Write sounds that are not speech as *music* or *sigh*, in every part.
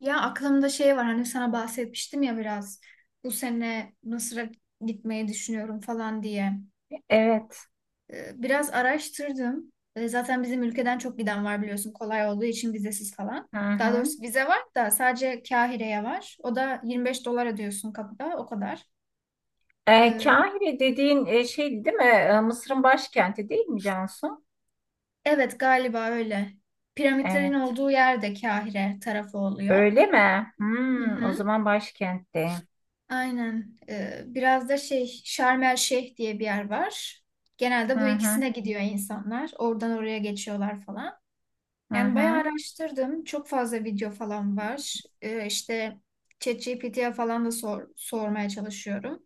Ya aklımda şey var hani sana bahsetmiştim ya biraz bu sene Mısır'a gitmeyi düşünüyorum falan diye. Evet. Biraz araştırdım. Zaten bizim ülkeden çok giden var biliyorsun kolay olduğu için vizesiz falan. Hı Daha hı. doğrusu vize var da sadece Kahire'ye var. O da 25 dolar ödüyorsun kapıda o kadar. Ee, Kahire dediğin şey değil mi? Mısır'ın başkenti değil mi, Cansu? Evet galiba öyle. Piramitlerin Evet. olduğu yerde Kahire tarafı oluyor. Öyle mi? Hı Hmm, o hı. zaman başkentte. Aynen. Biraz da şey Şarm El Şeyh diye bir yer var. Hı Genelde bu hı. ikisine gidiyor insanlar. Oradan oraya geçiyorlar falan. Hı Yani bayağı hı. araştırdım. Çok fazla video falan var. İşte ChatGPT'ye falan da sor, sormaya çalışıyorum.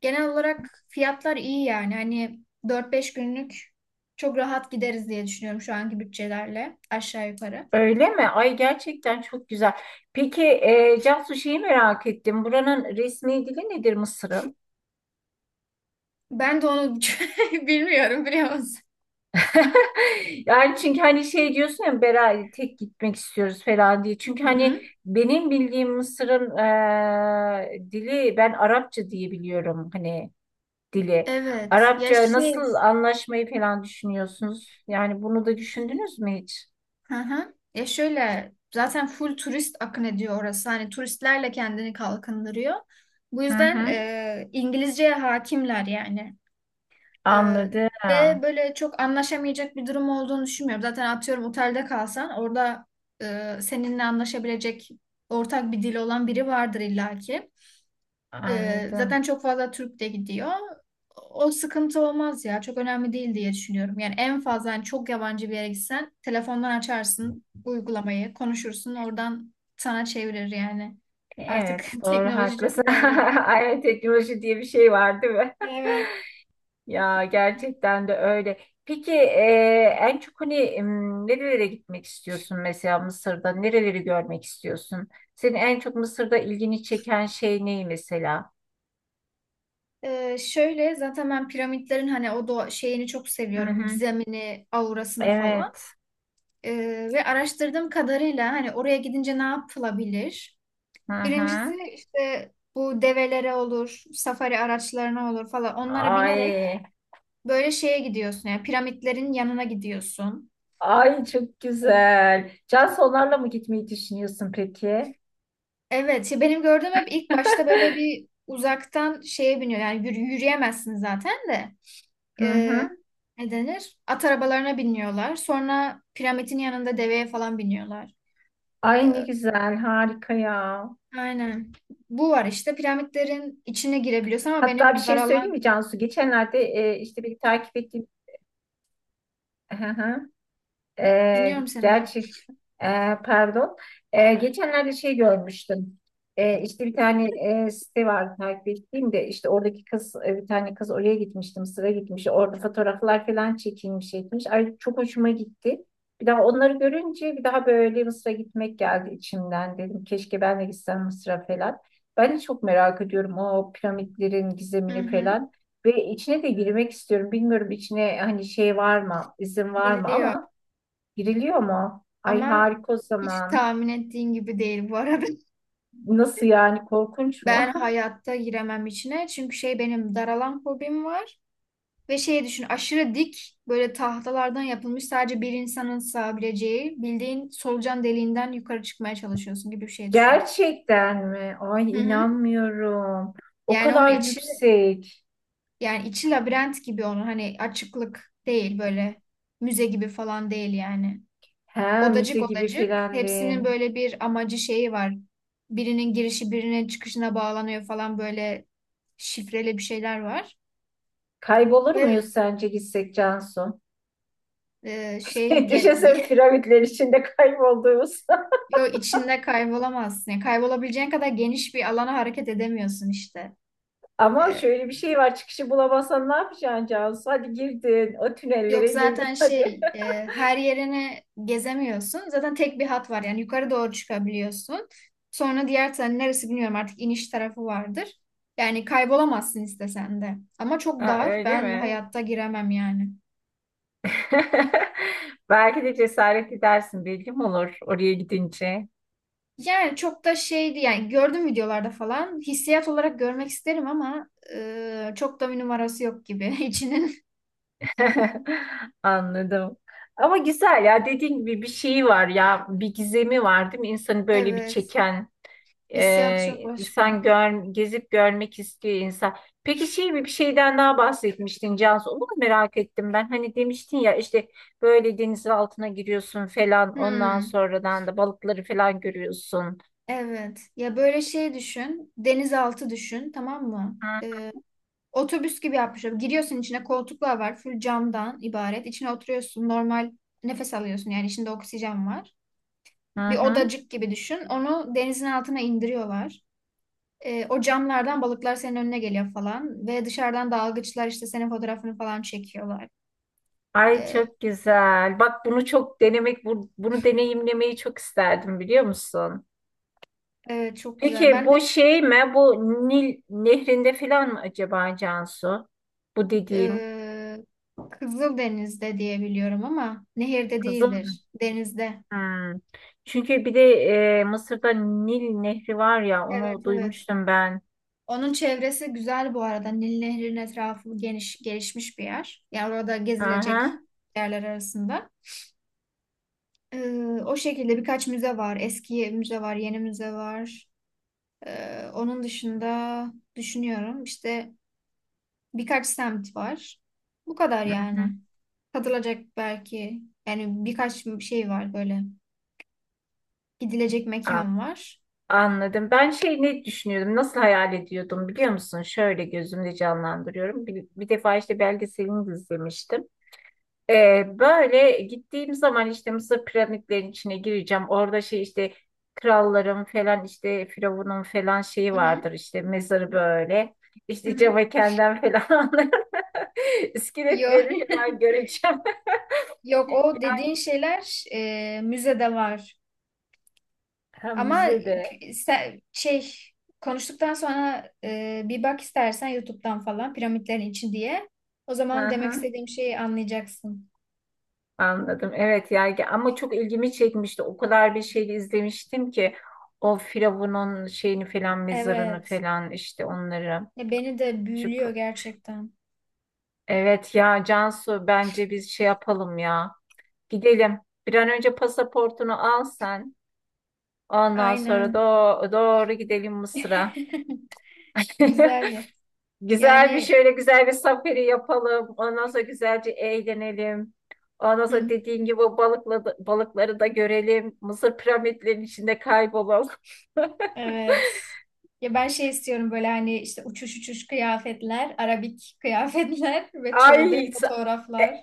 Genel olarak fiyatlar iyi yani. Hani 4-5 günlük çok rahat gideriz diye düşünüyorum şu anki bütçelerle aşağı yukarı. Öyle mi? Ay gerçekten çok güzel. Peki Cansu, şeyi merak ettim. Buranın resmi dili nedir, Mısır'ın? Ben de onu *laughs* bilmiyorum biliyor musun? *laughs* Yani çünkü hani şey diyorsun ya, beraber tek gitmek istiyoruz falan diye. Çünkü Hı hani hı. benim bildiğim Mısır'ın dili, ben Arapça diye biliyorum hani dili. Evet. Ya Arapça şey. nasıl anlaşmayı falan düşünüyorsunuz? Yani bunu da düşündünüz mü hiç? Hı hı. Ya şöyle zaten full turist akın ediyor orası. Hani turistlerle kendini kalkındırıyor. Bu Hı yüzden hı. İngilizceye hakimler yani. E, Anladım. ve böyle çok anlaşamayacak bir durum olduğunu düşünmüyorum. Zaten atıyorum otelde kalsan orada seninle anlaşabilecek ortak bir dil olan biri vardır illaki. Zaten Anladım. çok fazla Türk de gidiyor. O sıkıntı olmaz ya. Çok önemli değil diye düşünüyorum. Yani en fazla hani çok yabancı bir yere gitsen telefondan açarsın uygulamayı, konuşursun oradan sana çevirir yani. Artık Evet, *laughs* doğru teknoloji çok haklısın. *laughs* ilerledi. Aynen, teknoloji diye bir şey var değil mi? Evet. Ya gerçekten de öyle. Peki en çok hani nerelere gitmek istiyorsun mesela Mısır'da? Nereleri görmek istiyorsun? Senin en çok Mısır'da ilgini çeken şey ne mesela? Şöyle zaten ben piramitlerin hani o doğa şeyini çok Hı seviyorum. hı. Gizemini, aurasını falan. Evet. Ve araştırdığım kadarıyla hani oraya gidince ne yapılabilir? Hı Birincisi hı. işte bu develere olur, safari araçlarına olur falan onlara binerek Ay, böyle şeye gidiyorsun yani piramitlerin yanına gidiyorsun. ay çok güzel. Cansu, onlarla mı gitmeyi düşünüyorsun peki? Evet ya benim gördüğüm hep ilk başta böyle *laughs* bir uzaktan şeye biniyor yani yürüyemezsin zaten de. Hı Ee, hı. Ne denir? At arabalarına biniyorlar sonra piramidin yanında deveye falan biniyorlar. Ay ne Ee, güzel, harika ya. aynen bu var işte piramitlerin içine girebiliyorsun ama Hatta bir benim şey söyleyeyim daralan. mi Cansu? Geçenlerde işte bir takip ettiğim. Hı hı. E, Dinliyorum seni ben. gerçi e, pardon. Geçenlerde şey görmüştüm. İşte bir tane site var takip ettiğim, de işte oradaki kız, bir tane kız oraya gitmişti, Mısır'a gitmiş. Orada fotoğraflar falan çekilmiş etmiş. Ay çok hoşuma gitti. Bir daha onları görünce bir daha böyle Mısır'a gitmek geldi içimden, dedim keşke ben de gitsem Mısır'a falan. Ben de çok merak ediyorum o piramitlerin Hı gizemini hı. falan. Ve içine de girmek istiyorum. Bilmiyorum içine hani şey var mı, izin var mı Giriliyor. ama. Giriliyor mu? Ay Ama harika o hiç zaman. tahmin ettiğin gibi değil bu arada. *laughs* Nasıl yani, korkunç mu? Ben *laughs* hayatta giremem içine. Çünkü şey benim daralan fobim var. Ve şey düşün aşırı dik böyle tahtalardan yapılmış sadece bir insanın sığabileceği bildiğin solucan deliğinden yukarı çıkmaya çalışıyorsun gibi bir şey düşün. Gerçekten mi? Hı Ay hı. inanmıyorum. O Yani onun kadar içi, yüksek. yani içi labirent gibi onun hani, açıklık değil, böyle müze gibi falan değil yani. He, müze Odacık gibi odacık. Hepsinin filendin. böyle bir amacı şeyi var. Birinin girişi birinin çıkışına bağlanıyor falan, böyle şifreli bir şeyler var. Kaybolur Ve muyuz sence gitsek, Cansu? Şey *laughs* Düşünsene piramitler içinde kaybolduğumuz. *laughs* yo, içinde kaybolamazsın. Yani kaybolabileceğin kadar geniş bir alana hareket edemiyorsun işte. *laughs* Ama E, şöyle bir şey var, çıkışı bulamazsan ne yapacaksın Cansu? Hadi girdin, o Yok, tünellere girdin zaten *laughs* hadi. şey her yerini gezemiyorsun. Zaten tek bir hat var yani yukarı doğru çıkabiliyorsun. Sonra diğer tarafı neresi bilmiyorum artık, iniş tarafı vardır. Yani kaybolamazsın istesen de. Ama çok Ha, dar. öyle Ben mi? hayatta giremem yani. *laughs* Belki de cesaret edersin, bilgim olur oraya gidince. Yani çok da şeydi yani, gördüm videolarda falan. Hissiyat olarak görmek isterim ama çok da bir numarası yok gibi *laughs* içinin. *laughs* Anladım. Ama güzel ya, dediğin gibi bir şeyi var ya, bir gizemi var değil mi? İnsanı böyle bir Evet. çeken, Hissiyat çok başka. sen gör, gezip görmek istiyor insan. Peki şey mi, bir şeyden daha bahsetmiştin Cansu, onu da merak ettim ben. Hani demiştin ya işte böyle denizin altına giriyorsun falan, ondan Hmm. sonradan da balıkları falan görüyorsun. Evet. Ya böyle şey düşün. Denizaltı düşün, tamam mı? Otobüs gibi yapmışlar. Giriyorsun içine, koltuklar var. Full camdan ibaret. İçine oturuyorsun. Normal nefes alıyorsun. Yani içinde oksijen var. Hı Bir hı. odacık gibi düşün. Onu denizin altına indiriyorlar. O camlardan balıklar senin önüne geliyor falan. Ve dışarıdan dalgıçlar işte senin fotoğrafını falan çekiyorlar. Ay Ee, çok güzel. Bak bunu çok denemek, bunu deneyimlemeyi çok isterdim, biliyor musun? evet çok güzel. Peki Ben de bu şey mi? Bu Nil nehrinde falan mı acaba Cansu? Bu dediğin. e, Kızıldeniz'de diye biliyorum ama nehirde Kızıl. değildir. Denizde. Hmm. Çünkü bir de Mısır'da Nil nehri var ya, onu Evet, evet. duymuştum ben. Onun çevresi güzel bu arada. Nil Nehri'nin etrafı geniş, gelişmiş bir yer. Yani orada gezilecek Aha. yerler arasında. Ee, o şekilde birkaç müze var. Eski müze var, yeni müze var. Onun dışında düşünüyorum işte birkaç semt var. Bu kadar Hı hı. hı. yani. Katılacak belki, yani birkaç şey var böyle. Gidilecek An- mekan var. Anladım. Ben şey ne düşünüyordum, nasıl hayal ediyordum, biliyor musun? Şöyle gözümde canlandırıyorum. Bir, bir defa işte belgeselini de izlemiştim. Böyle gittiğim zaman işte Mısır piramitlerinin içine gireceğim. Orada şey işte kralların falan, işte firavunun falan şeyi Hı hı, vardır işte mezarı böyle. hı İşte hı. Cavakenden falan *laughs* Yok, iskeletleri falan göreceğim. *laughs* yok, o *laughs* dediğin şeyler müzede var. Hem Ama müzede. Şey konuştuktan sonra bir bak istersen YouTube'dan falan piramitlerin için diye. O Hı zaman demek hı, istediğim şeyi anlayacaksın. anladım. Evet yani, ama çok ilgimi çekmişti. O kadar bir şey izlemiştim ki, o firavunun şeyini falan, mezarını Evet. falan işte onları. Ya beni de Çok. büyülüyor gerçekten. Evet ya Cansu, bence biz şey yapalım ya. Gidelim. Bir an önce pasaportunu al sen. Ondan sonra Aynen. Doğru gidelim Mısır'a. *laughs* Güzel. *laughs* Güzel bir Yani şöyle güzel bir safari yapalım. Ondan sonra güzelce eğlenelim. Ondan hı sonra hı, dediğin gibi balıkları da görelim. Mısır piramitlerinin içinde kaybolalım. *laughs* evet. Ya ben şey istiyorum, böyle hani işte uçuş uçuş kıyafetler, arabik kıyafetler *laughs* ve çölde Ay sa- fotoğraflar.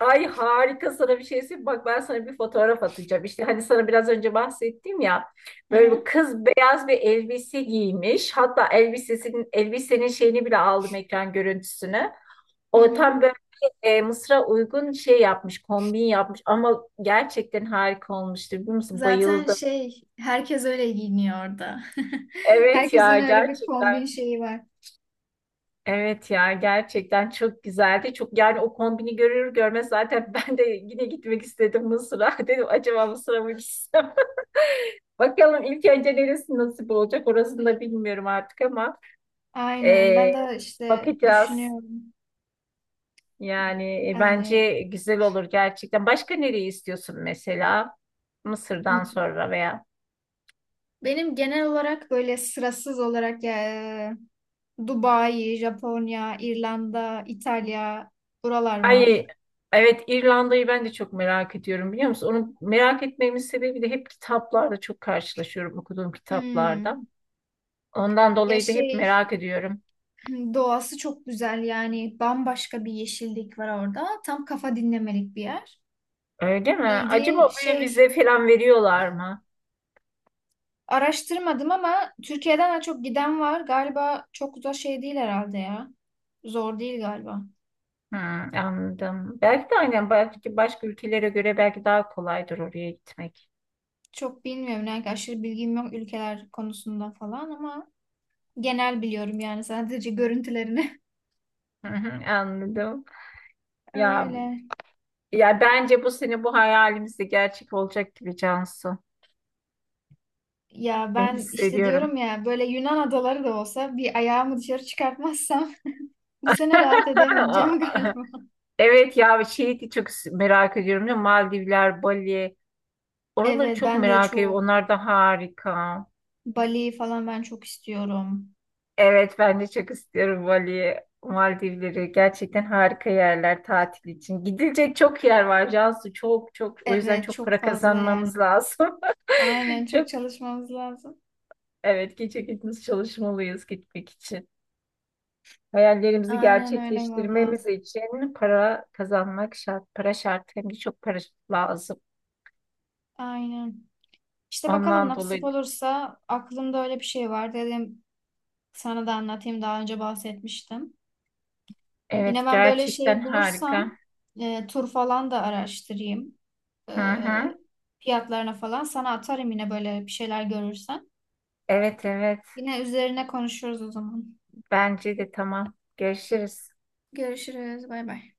Ay harika, sana bir şey söyleyeyim. Bak ben sana bir fotoğraf atacağım. İşte hani sana biraz önce bahsettim ya. Hı Böyle bir hı. kız beyaz bir elbise giymiş. Hatta elbisenin şeyini bile aldım, ekran görüntüsünü. Hı O tam hı. böyle Mısır'a uygun şey yapmış, kombin yapmış, ama gerçekten harika olmuştu. Biliyor musun? Zaten Bayıldım. şey herkes öyle giyiniyor orada. *laughs* Evet Herkesin ya öyle bir kombin gerçekten. şeyi var. Evet ya gerçekten çok güzeldi. Çok yani o kombini görür görmez zaten *laughs* ben de yine gitmek istedim Mısır'a. *laughs* Dedim acaba Mısır'a mı gitsem? Bakalım ilk önce neresi nasip olacak orasını da bilmiyorum artık ama Aynen. Ben eee, de işte bakacağız. düşünüyorum. Yani Yani bence güzel olur gerçekten. Başka nereyi istiyorsun mesela? Mısır'dan m- sonra veya. benim genel olarak böyle sırasız olarak ya, Dubai, Japonya, İrlanda, İtalya, buralar var. Ay evet, İrlanda'yı ben de çok merak ediyorum biliyor musun? Onu merak etmemin sebebi de hep kitaplarda çok karşılaşıyorum, okuduğum kitaplarda. Hmm. Ondan Ya dolayı da hep şey, merak ediyorum. *clears throat* doğası çok güzel, yani bambaşka bir yeşillik var orada. Tam kafa dinlemelik bir yer. Öyle mi? Bildiğin Acaba oraya şey. vize falan veriyorlar mı? Araştırmadım ama Türkiye'den de çok giden var. Galiba çok da şey değil herhalde ya. Zor değil galiba. Hmm, anladım. Belki de aynen, belki başka ülkelere göre belki daha kolaydır oraya gitmek. Çok bilmiyorum. Yani aşırı bilgim yok ülkeler konusunda falan ama genel biliyorum yani, sadece görüntülerini. Hı hı, anladım. *laughs* Ya Öyle. ya bence bu sene bu hayalimiz de gerçek olacak gibi, Cansu. Ya Ben ben işte hissediyorum. diyorum ya, böyle Yunan adaları da olsa bir ayağımı dışarı çıkartmazsam *laughs* bu sene rahat edemeyeceğim *laughs* *laughs* galiba. Evet ya şeyi de çok merak ediyorum ya, Maldivler, Bali. Oraları Evet, çok ben de merak ediyorum. çok. Onlar da harika. Bali falan ben çok istiyorum. Evet ben de çok istiyorum Bali'yi, Maldivleri. Gerçekten harika yerler tatil için. Gidilecek çok yer var Cansu. Çok çok. O yüzden Evet, çok çok para fazla yer. kazanmamız lazım. Aynen, *laughs* çok Çok, çalışmamız lazım. evet gece gündüz çalışmalıyız gitmek için. Hayallerimizi Aynen öyle valla. gerçekleştirmemiz için para kazanmak şart. Para şart, hem de çok para lazım. Aynen. İşte bakalım Ondan nasip dolayı olursa, aklımda öyle bir şey var. Dedim sana da anlatayım, daha önce bahsetmiştim. Yine evet ben böyle gerçekten şey bulursam harika. Tur falan da araştırayım. E, Hı hı. fiyatlarına falan sana atarım yine böyle bir şeyler görürsem. Evet evet Yine üzerine konuşuruz o zaman. bence de tamam. Görüşürüz. Görüşürüz. Bay bay.